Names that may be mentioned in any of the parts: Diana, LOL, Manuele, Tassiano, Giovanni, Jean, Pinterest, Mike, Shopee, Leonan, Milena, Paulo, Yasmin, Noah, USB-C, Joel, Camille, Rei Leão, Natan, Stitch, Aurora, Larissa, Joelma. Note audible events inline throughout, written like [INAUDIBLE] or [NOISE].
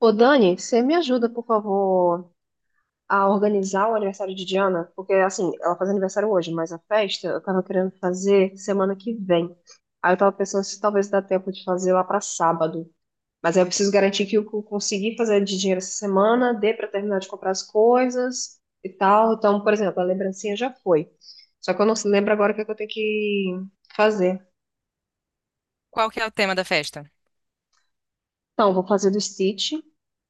Ô, Dani, você me ajuda, por favor, a organizar o aniversário de Diana? Porque, assim, ela faz aniversário hoje, mas a festa eu tava querendo fazer semana que vem. Aí eu tava pensando se talvez dá tempo de fazer lá pra sábado. Mas aí eu preciso garantir que consegui fazer de dinheiro essa semana, dê pra terminar de comprar as coisas e tal. Então, por exemplo, a lembrancinha já foi. Só que eu não lembro agora o que é que eu tenho que fazer. Qual que é o tema da festa? Então, eu vou fazer do Stitch.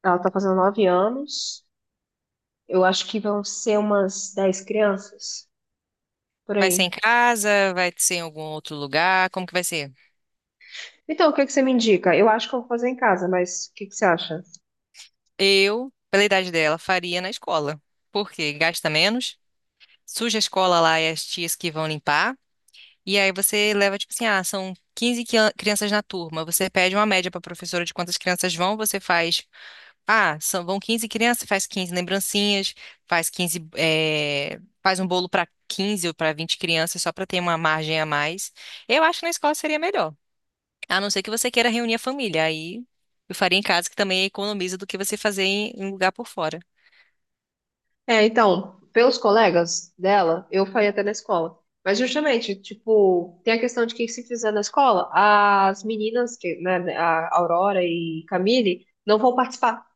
Ela tá fazendo 9 anos. Eu acho que vão ser umas 10 crianças por Vai ser aí. em casa? Vai ser em algum outro lugar? Como que vai ser? Então, o que que você me indica? Eu acho que eu vou fazer em casa, mas o que que você acha? Eu, pela idade dela, faria na escola. Porque gasta menos, suja a escola lá e as tias que vão limpar. E aí você leva, tipo assim, ah, são 15 crianças na turma. Você pede uma média para a professora de quantas crianças vão, você faz. Ah, são, vão 15 crianças, faz 15 lembrancinhas, faz 15. Faz um bolo para 15 ou para 20 crianças, só para ter uma margem a mais. Eu acho que na escola seria melhor. A não ser que você queira reunir a família, aí eu faria em casa, que também economiza do que você fazer em lugar por fora. É, então, pelos colegas dela, eu faria até na escola. Mas justamente, tipo, tem a questão de que, se fizer na escola, as meninas, que, né, a Aurora e Camille, não vão participar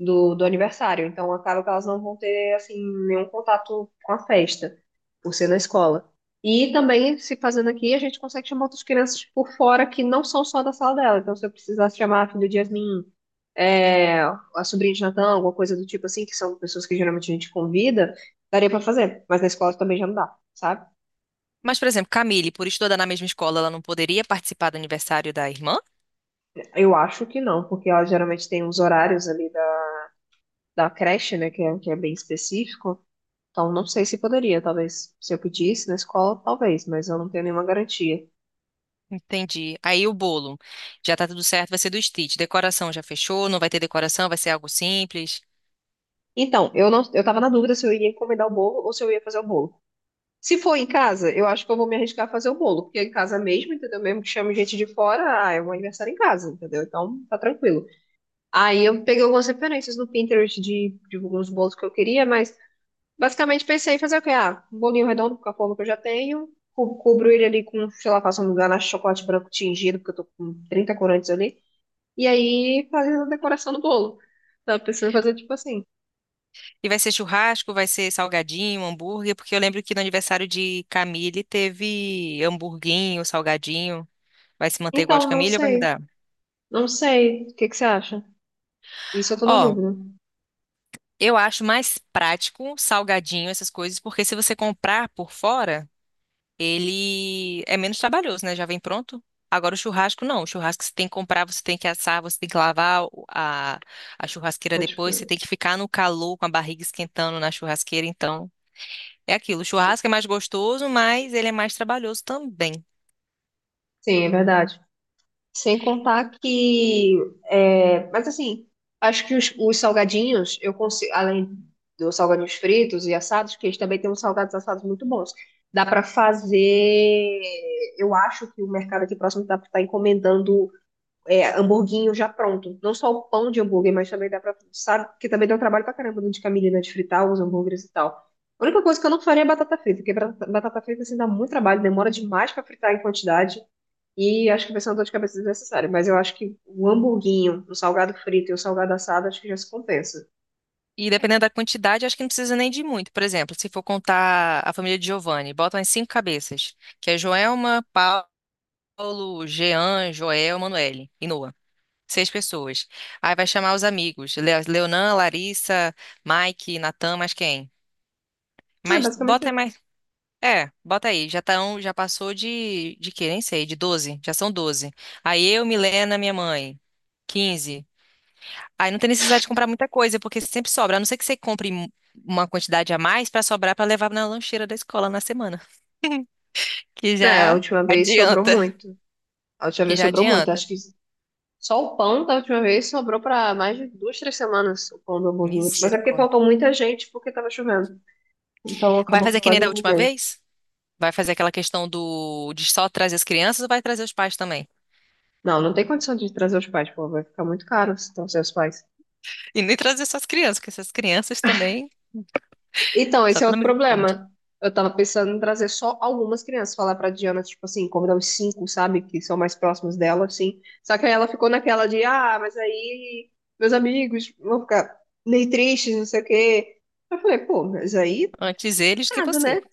do aniversário. Então acaba que elas não vão ter assim nenhum contato com a festa, por ser na escola. E também, se fazendo aqui, a gente consegue chamar outras crianças por fora que não são só da sala dela. Então, se eu precisasse chamar a filha de Yasmin, a sobrinha de Natan, alguma coisa do tipo assim, que são pessoas que geralmente a gente convida, daria pra fazer. Mas na escola também já não dá, sabe? Mas, por exemplo, Camille, por estudar na mesma escola, ela não poderia participar do aniversário da irmã? Eu acho que não, porque ela geralmente tem uns horários ali da creche, né, que é bem específico. Então, não sei se poderia, talvez, se eu pedisse na escola, talvez, mas eu não tenho nenhuma garantia. Entendi. Aí o bolo, já tá tudo certo, vai ser do Stitch. Decoração já fechou, não vai ter decoração, vai ser algo simples. Então, eu não, eu tava na dúvida se eu ia encomendar o bolo ou se eu ia fazer o bolo. Se for em casa, eu acho que eu vou me arriscar a fazer o bolo, porque é em casa mesmo, entendeu? Mesmo que chame gente de fora, ah, é um aniversário em casa, entendeu? Então, tá tranquilo. Aí eu peguei algumas referências no Pinterest de alguns bolos que eu queria, mas basicamente pensei em fazer o quê? Ah, um bolinho redondo com a forma que eu já tenho, cubro ele ali com, sei lá, faço um ganache de chocolate branco tingido, porque eu tô com 30 corantes ali. E aí fazer a decoração do bolo. Tava pensando em fazer tipo assim. E vai ser churrasco, vai ser salgadinho, hambúrguer, porque eu lembro que no aniversário de Camille teve hamburguinho, salgadinho. Vai se manter igual de Então, não Camille ou vai sei. mudar? Não sei. O que que você acha? Isso eu tô na Ó, dúvida. eu acho mais prático, salgadinho, essas coisas, porque se você comprar por fora, ele é menos trabalhoso, né? Já vem pronto. Agora o churrasco não. O churrasco você tem que comprar, você tem que assar, você tem que lavar a churrasqueira Mas, tipo, depois, você tem que ficar no calor com a barriga esquentando na churrasqueira. Então, é aquilo. O sim. churrasco é mais gostoso, mas ele é mais trabalhoso também. Sim, é verdade. Sem contar que. É, mas assim, acho que os salgadinhos, eu consigo, além dos salgadinhos fritos e assados, que eles também têm uns salgados assados muito bons. Dá pra fazer. Eu acho que o mercado aqui próximo dá pra estar encomendando, hamburguinho já pronto. Não só o pão de hambúrguer, mas também dá pra. Sabe? Porque também deu trabalho pra caramba, né, de camelina de fritar os hambúrgueres e tal. A única coisa que eu não faria é batata frita, porque batata frita assim dá muito trabalho, demora demais pra fritar em quantidade. E acho que vai ser uma dor de cabeça desnecessária. Mas eu acho que o hamburguinho, o salgado frito e o salgado assado, acho que já se compensa. E dependendo da quantidade, acho que não precisa nem de muito. Por exemplo, se for contar a família de Giovanni, bota umas cinco cabeças, que é Joelma, Paulo, Jean, Joel, Manuele e Noah. Seis pessoas. Aí vai chamar os amigos. Leonan, Larissa, Mike, Natan, mais quem? É Mas basicamente bota isso. mais. É, bota aí. Já tão, já passou de quê? Nem sei, de 12. Já são 12. Aí eu, Milena, minha mãe. 15. Aí não tem necessidade de comprar muita coisa, porque sempre sobra. A não ser que você compre uma quantidade a mais para sobrar para levar na lancheira da escola na semana. Que É, a já última vez sobrou adianta. muito. A última Que vez já sobrou muito. adianta. Acho que só o pão da última vez sobrou pra mais de 2, 3 semanas, o pão do hamburguinho. Mas é porque Misericórdia. faltou muita gente porque tava chovendo. Então Vai acabou que fazer que nem quase da não última veio. vez? Vai fazer aquela questão do de só trazer as crianças ou vai trazer os pais também? Não, não tem condição de trazer os pais, pô, vai ficar muito caro se trazer os pais. E nem trazer só as crianças, porque essas crianças também, Então, só esse é pela outro misericórdia. problema. Eu tava pensando em trazer só algumas crianças, falar pra Diana, tipo assim, convidar os cinco, sabe, que são mais próximos dela, assim. Só que aí ela ficou naquela de, ah, mas aí meus amigos vão ficar meio tristes, não sei o quê. Eu falei, pô, mas aí, é Antes eles que complicado, você. né?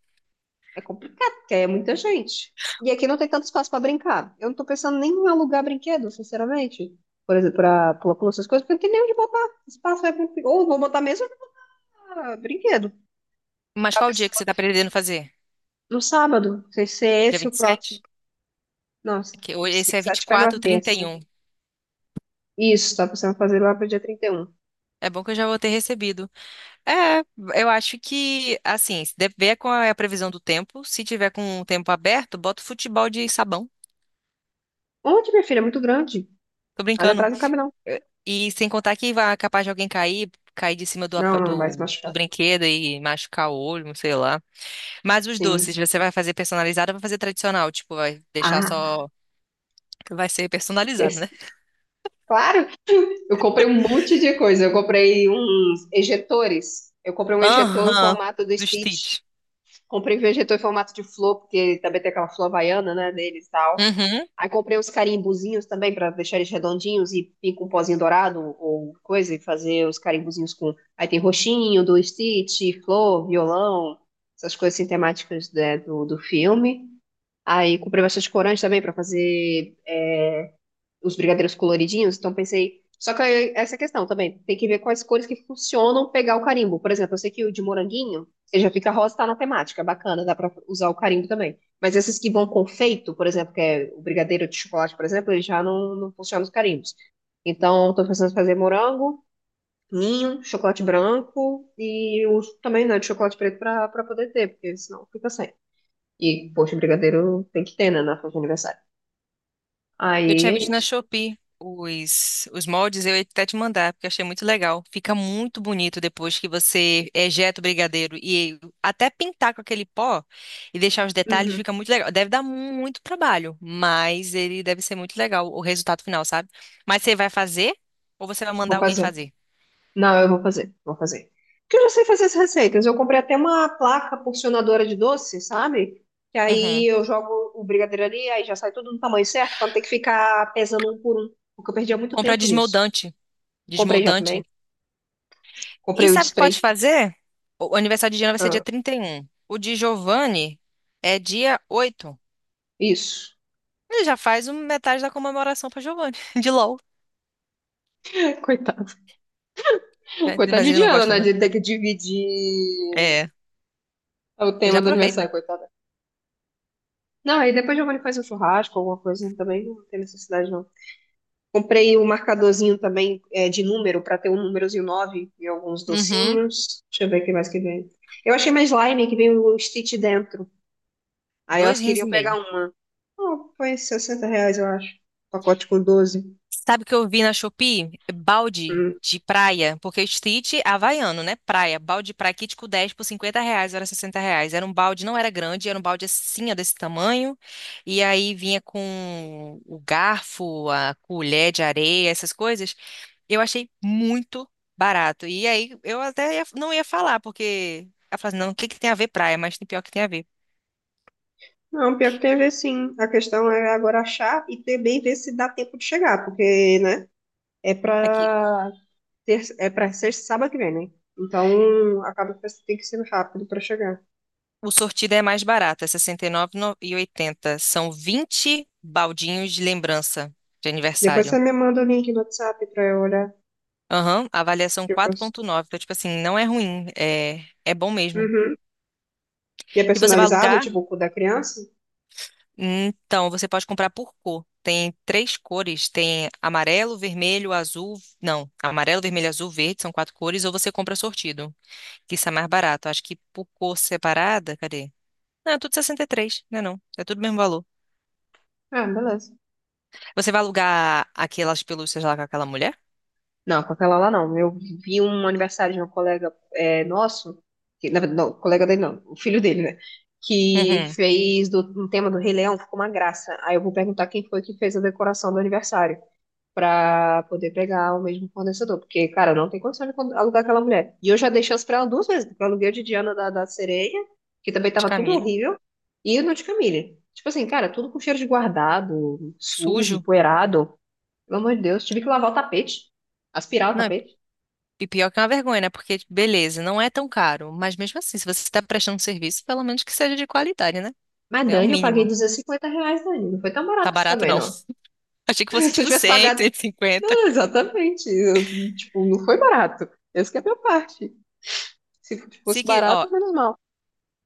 É complicado, porque aí é muita gente. E aqui não tem tanto espaço para brincar. Eu não tô pensando nem em alugar brinquedo, sinceramente. Por exemplo, para pula-pula, essas coisas, porque não tem nem onde botar. Espaço é complicado. Ou vou botar mesmo ou vou botar brinquedo. Mas Tá qual o dia pensando que você está botar pretendendo fazer? no sábado. Não sei se é Dia esse o próximo. 27? Nossa, Que hoje- se Esse é pensar, vinte e tiver quatro, numa trinta e terça. um? Isso, tá pensando em fazer lá pro dia 31. É bom que eu já vou ter recebido. É, eu acho que, assim, se deve ver qual é a previsão do tempo. Se tiver com o tempo aberto, bota o futebol de sabão. Onde, minha filha? É muito grande. Tô Ali brincando. atrás não cabe, não. É. E sem contar que vai capaz de alguém cair, cair de cima do, Não, apa- não, vai se do, do machucar. brinquedo e machucar o olho, sei lá. Mas os doces, Sim. você vai fazer personalizado ou vai fazer tradicional? Tipo, vai deixar Ah, só. Vai ser personalizado, esse- né? Claro. Eu comprei um monte de coisa. Eu comprei uns ejetores. Eu comprei um ejetor em Aham, formato do do Stitch. Stitch. Comprei um ejetor em formato de flor, porque também tem aquela flor havaiana, né, deles e tal. Uhum. Aí comprei uns carimbuzinhos também para deixar eles redondinhos e vir com um pozinho dourado ou coisa e fazer os carimbuzinhos com. Aí tem roxinho do Stitch, flor, violão, essas coisas assim, temáticas, né, do filme. Aí comprei bastante corante também para fazer os brigadeiros coloridinhos, então pensei. Só que aí, essa questão também, tem que ver quais cores que funcionam pegar o carimbo. Por exemplo, eu sei que o de moranguinho, ele já fica rosa, tá na temática, bacana, dá pra usar o carimbo também. Mas esses que vão com feito, por exemplo, que é o brigadeiro de chocolate, por exemplo, ele já não, não funciona os carimbos. Então, tô pensando em fazer morango, ninho, chocolate branco e o também, né, de chocolate preto pra poder ter, porque senão fica sem. E, poxa, brigadeiro tem que ter, né, na festa de aniversário. Eu Aí tinha é visto na isso. Shopee os moldes, eu ia até te mandar, porque eu achei muito legal. Fica muito bonito depois que você ejeta o brigadeiro e até pintar com aquele pó e deixar os detalhes, Uhum. fica muito legal. Deve dar muito trabalho, mas ele deve ser muito legal, o resultado final, sabe? Mas você vai fazer ou você vai Vou mandar alguém fazer. fazer? Não, eu vou fazer, vou fazer. Porque eu já sei fazer as receitas. Eu comprei até uma placa porcionadora de doce, sabe? Que aí Uhum. eu jogo o brigadeiro ali, aí já sai tudo no tamanho certo, pra não ter que ficar pesando um por um. Porque eu perdia muito Comprar tempo nisso. desmoldante. Comprei já Desmoldante. também. E Comprei o de sabe o que pode spray. fazer? O aniversário de Diana vai ser dia Ah, 31. O de Giovanni é dia 8. isso. Ele já faz metade da comemoração pra Giovanni, [LAUGHS] de LOL. [LAUGHS] Coitada. É, Coitada mas de ele não Diana, gosta, né? né? De ter que dividir É, ele o já tema do aproveita. aniversário, coitada. Não, aí depois Giovanni faz um churrasco, alguma coisa também. Não tem necessidade, não. Comprei o marcadorzinho também, é, de número, para ter o númerozinho 9 e alguns Uhum. docinhos. Deixa eu ver o que mais que vem. Eu achei mais slime que vem o Stitch dentro. Aí Dois elas rins queriam e pegar meio. uma. Ah, foi R$ 60, eu acho. Pacote com 12. Sabe o que eu vi na Shopee? Balde Hum. de praia, porque street é havaiano, né? Praia. Balde de praia, kit com 10 por R$ 50, era R$ 60. Era um balde, não era grande, era um balde assim, ó, desse tamanho. E aí vinha com o garfo, a colher de areia, essas coisas. Eu achei muito barato. E aí eu até não ia falar, porque ela falou assim, não, o que que tem a ver praia? Mas tem pior que tem a ver. Não, pior que tem a ver sim. A questão é agora achar e também ver se dá tempo de chegar, porque, né, é Aqui, pra ter, é pra ser sábado que vem, né? Então, acaba que tem que ser rápido pra chegar. o sortido é mais barato, é R$ 69,80. São 20 baldinhos de lembrança de Depois você aniversário. me manda o link no WhatsApp pra eu olhar. Aham, avaliação que eu cons- 4.9. Então, tipo assim, não é ruim, é bom mesmo. Uhum. E é E você vai personalizado, alugar? tipo o cu da criança? Então, você pode comprar por cor. Tem três cores, tem amarelo, vermelho, azul. Não, amarelo, vermelho, azul, verde, são quatro cores, ou você compra sortido, que isso é mais barato. Acho que por cor separada, cadê? Não, é tudo 63, né não? É tudo o mesmo valor. Ah, beleza. Você vai alugar aquelas pelúcias lá com aquela mulher? Não, com aquela lá não. Eu vi um aniversário de um colega, é, nosso, que, na verdade, não, colega dele não, o filho dele, né? Que Uhum. fez do, um tema do Rei Leão, ficou uma graça. Aí eu vou perguntar quem foi que fez a decoração do aniversário, pra poder pegar o mesmo fornecedor. Porque, cara, não tem condição de alugar aquela mulher. E eu já dei chance pra ela duas vezes, porque eu aluguei o de Diana da Sereia, que também De tava tudo camelo. horrível, e o no de Camille. Tipo assim, cara, tudo com cheiro de guardado, sujo, Sujo. poeirado. Pelo amor de Deus, tive que lavar o tapete, aspirar o Não, tapete. e pior que é uma vergonha, né? Porque, beleza, não é tão caro. Mas mesmo assim, se você está prestando serviço, pelo menos que seja de qualidade, né? Mas, É o Dani, eu paguei mínimo. R$ 250, Dani. Não foi tão Tá barato isso barato, também, não. não. [LAUGHS] Achei que [LAUGHS] fosse Se eu tipo tivesse 100, pagado. cento e [LAUGHS] cinquenta. Ah, exatamente. Eu, tipo, não foi barato. Essa que é a minha parte. Se Se fosse que, ó, barato, menos mal.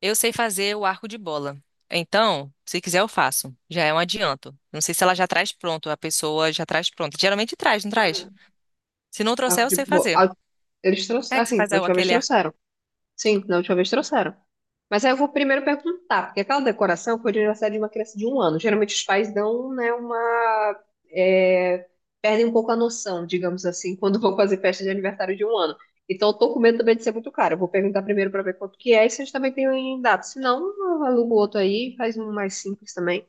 eu sei fazer o arco de bola. Então, se quiser, eu faço. Já é um adianto. Não sei se ela já traz pronto, a pessoa já traz pronto. Geralmente traz, não traz? Se não trouxer, O eu de. sei Bo- fazer. a- Eles É trouxeram. que você Assim, faz na última vez aquele arco. trouxeram. Sim, na última vez trouxeram. Mas aí eu vou primeiro perguntar, porque aquela decoração foi de aniversário de uma criança de 1 ano. Geralmente os pais dão, né, uma. É, perdem um pouco a noção, digamos assim, quando vão fazer festa de aniversário de 1 ano. Então eu tô com medo também de ser muito caro. Eu vou perguntar primeiro pra ver quanto que é, e se eles também têm data. Se não, eu alugo outro aí, faz um mais simples também.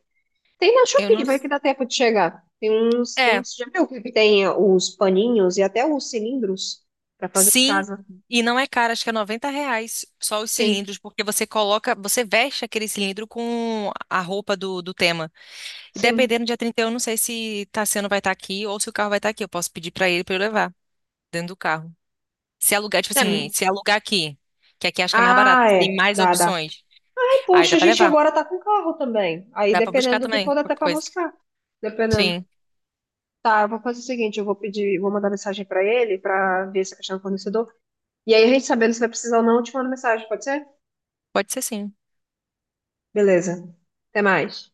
Tem na Eu Shopee, não. vai que dá tempo de chegar. Tem É, uns, já viu que tem os paninhos e até os cilindros para fazer em sim, casa. e não é caro, acho que é R$ 90 só os Sim, cilindros, porque você coloca, você veste aquele cilindro com a roupa do tema. E sim. dependendo do dia 31, eu não sei se Tassiano vai estar aqui ou se o carro vai estar aqui. Eu posso pedir para ele para eu levar dentro do carro. Se alugar, tipo É, assim, se alugar aqui, que aqui acho que é mais barato, ah, tem é, mais dá, dá. opções. Ai, Aí poxa, dá a para gente levar, agora tá com carro também. Aí, dá para buscar dependendo do que também, for, dá até qualquer pra coisa. buscar. Dependendo. Sim, Tá, eu vou fazer o seguinte, eu vou pedir, vou mandar mensagem pra ele pra ver se é questão do fornecedor. E aí, a gente sabendo se vai precisar ou não, eu te mando mensagem, pode ser? pode ser sim. Beleza. Até mais.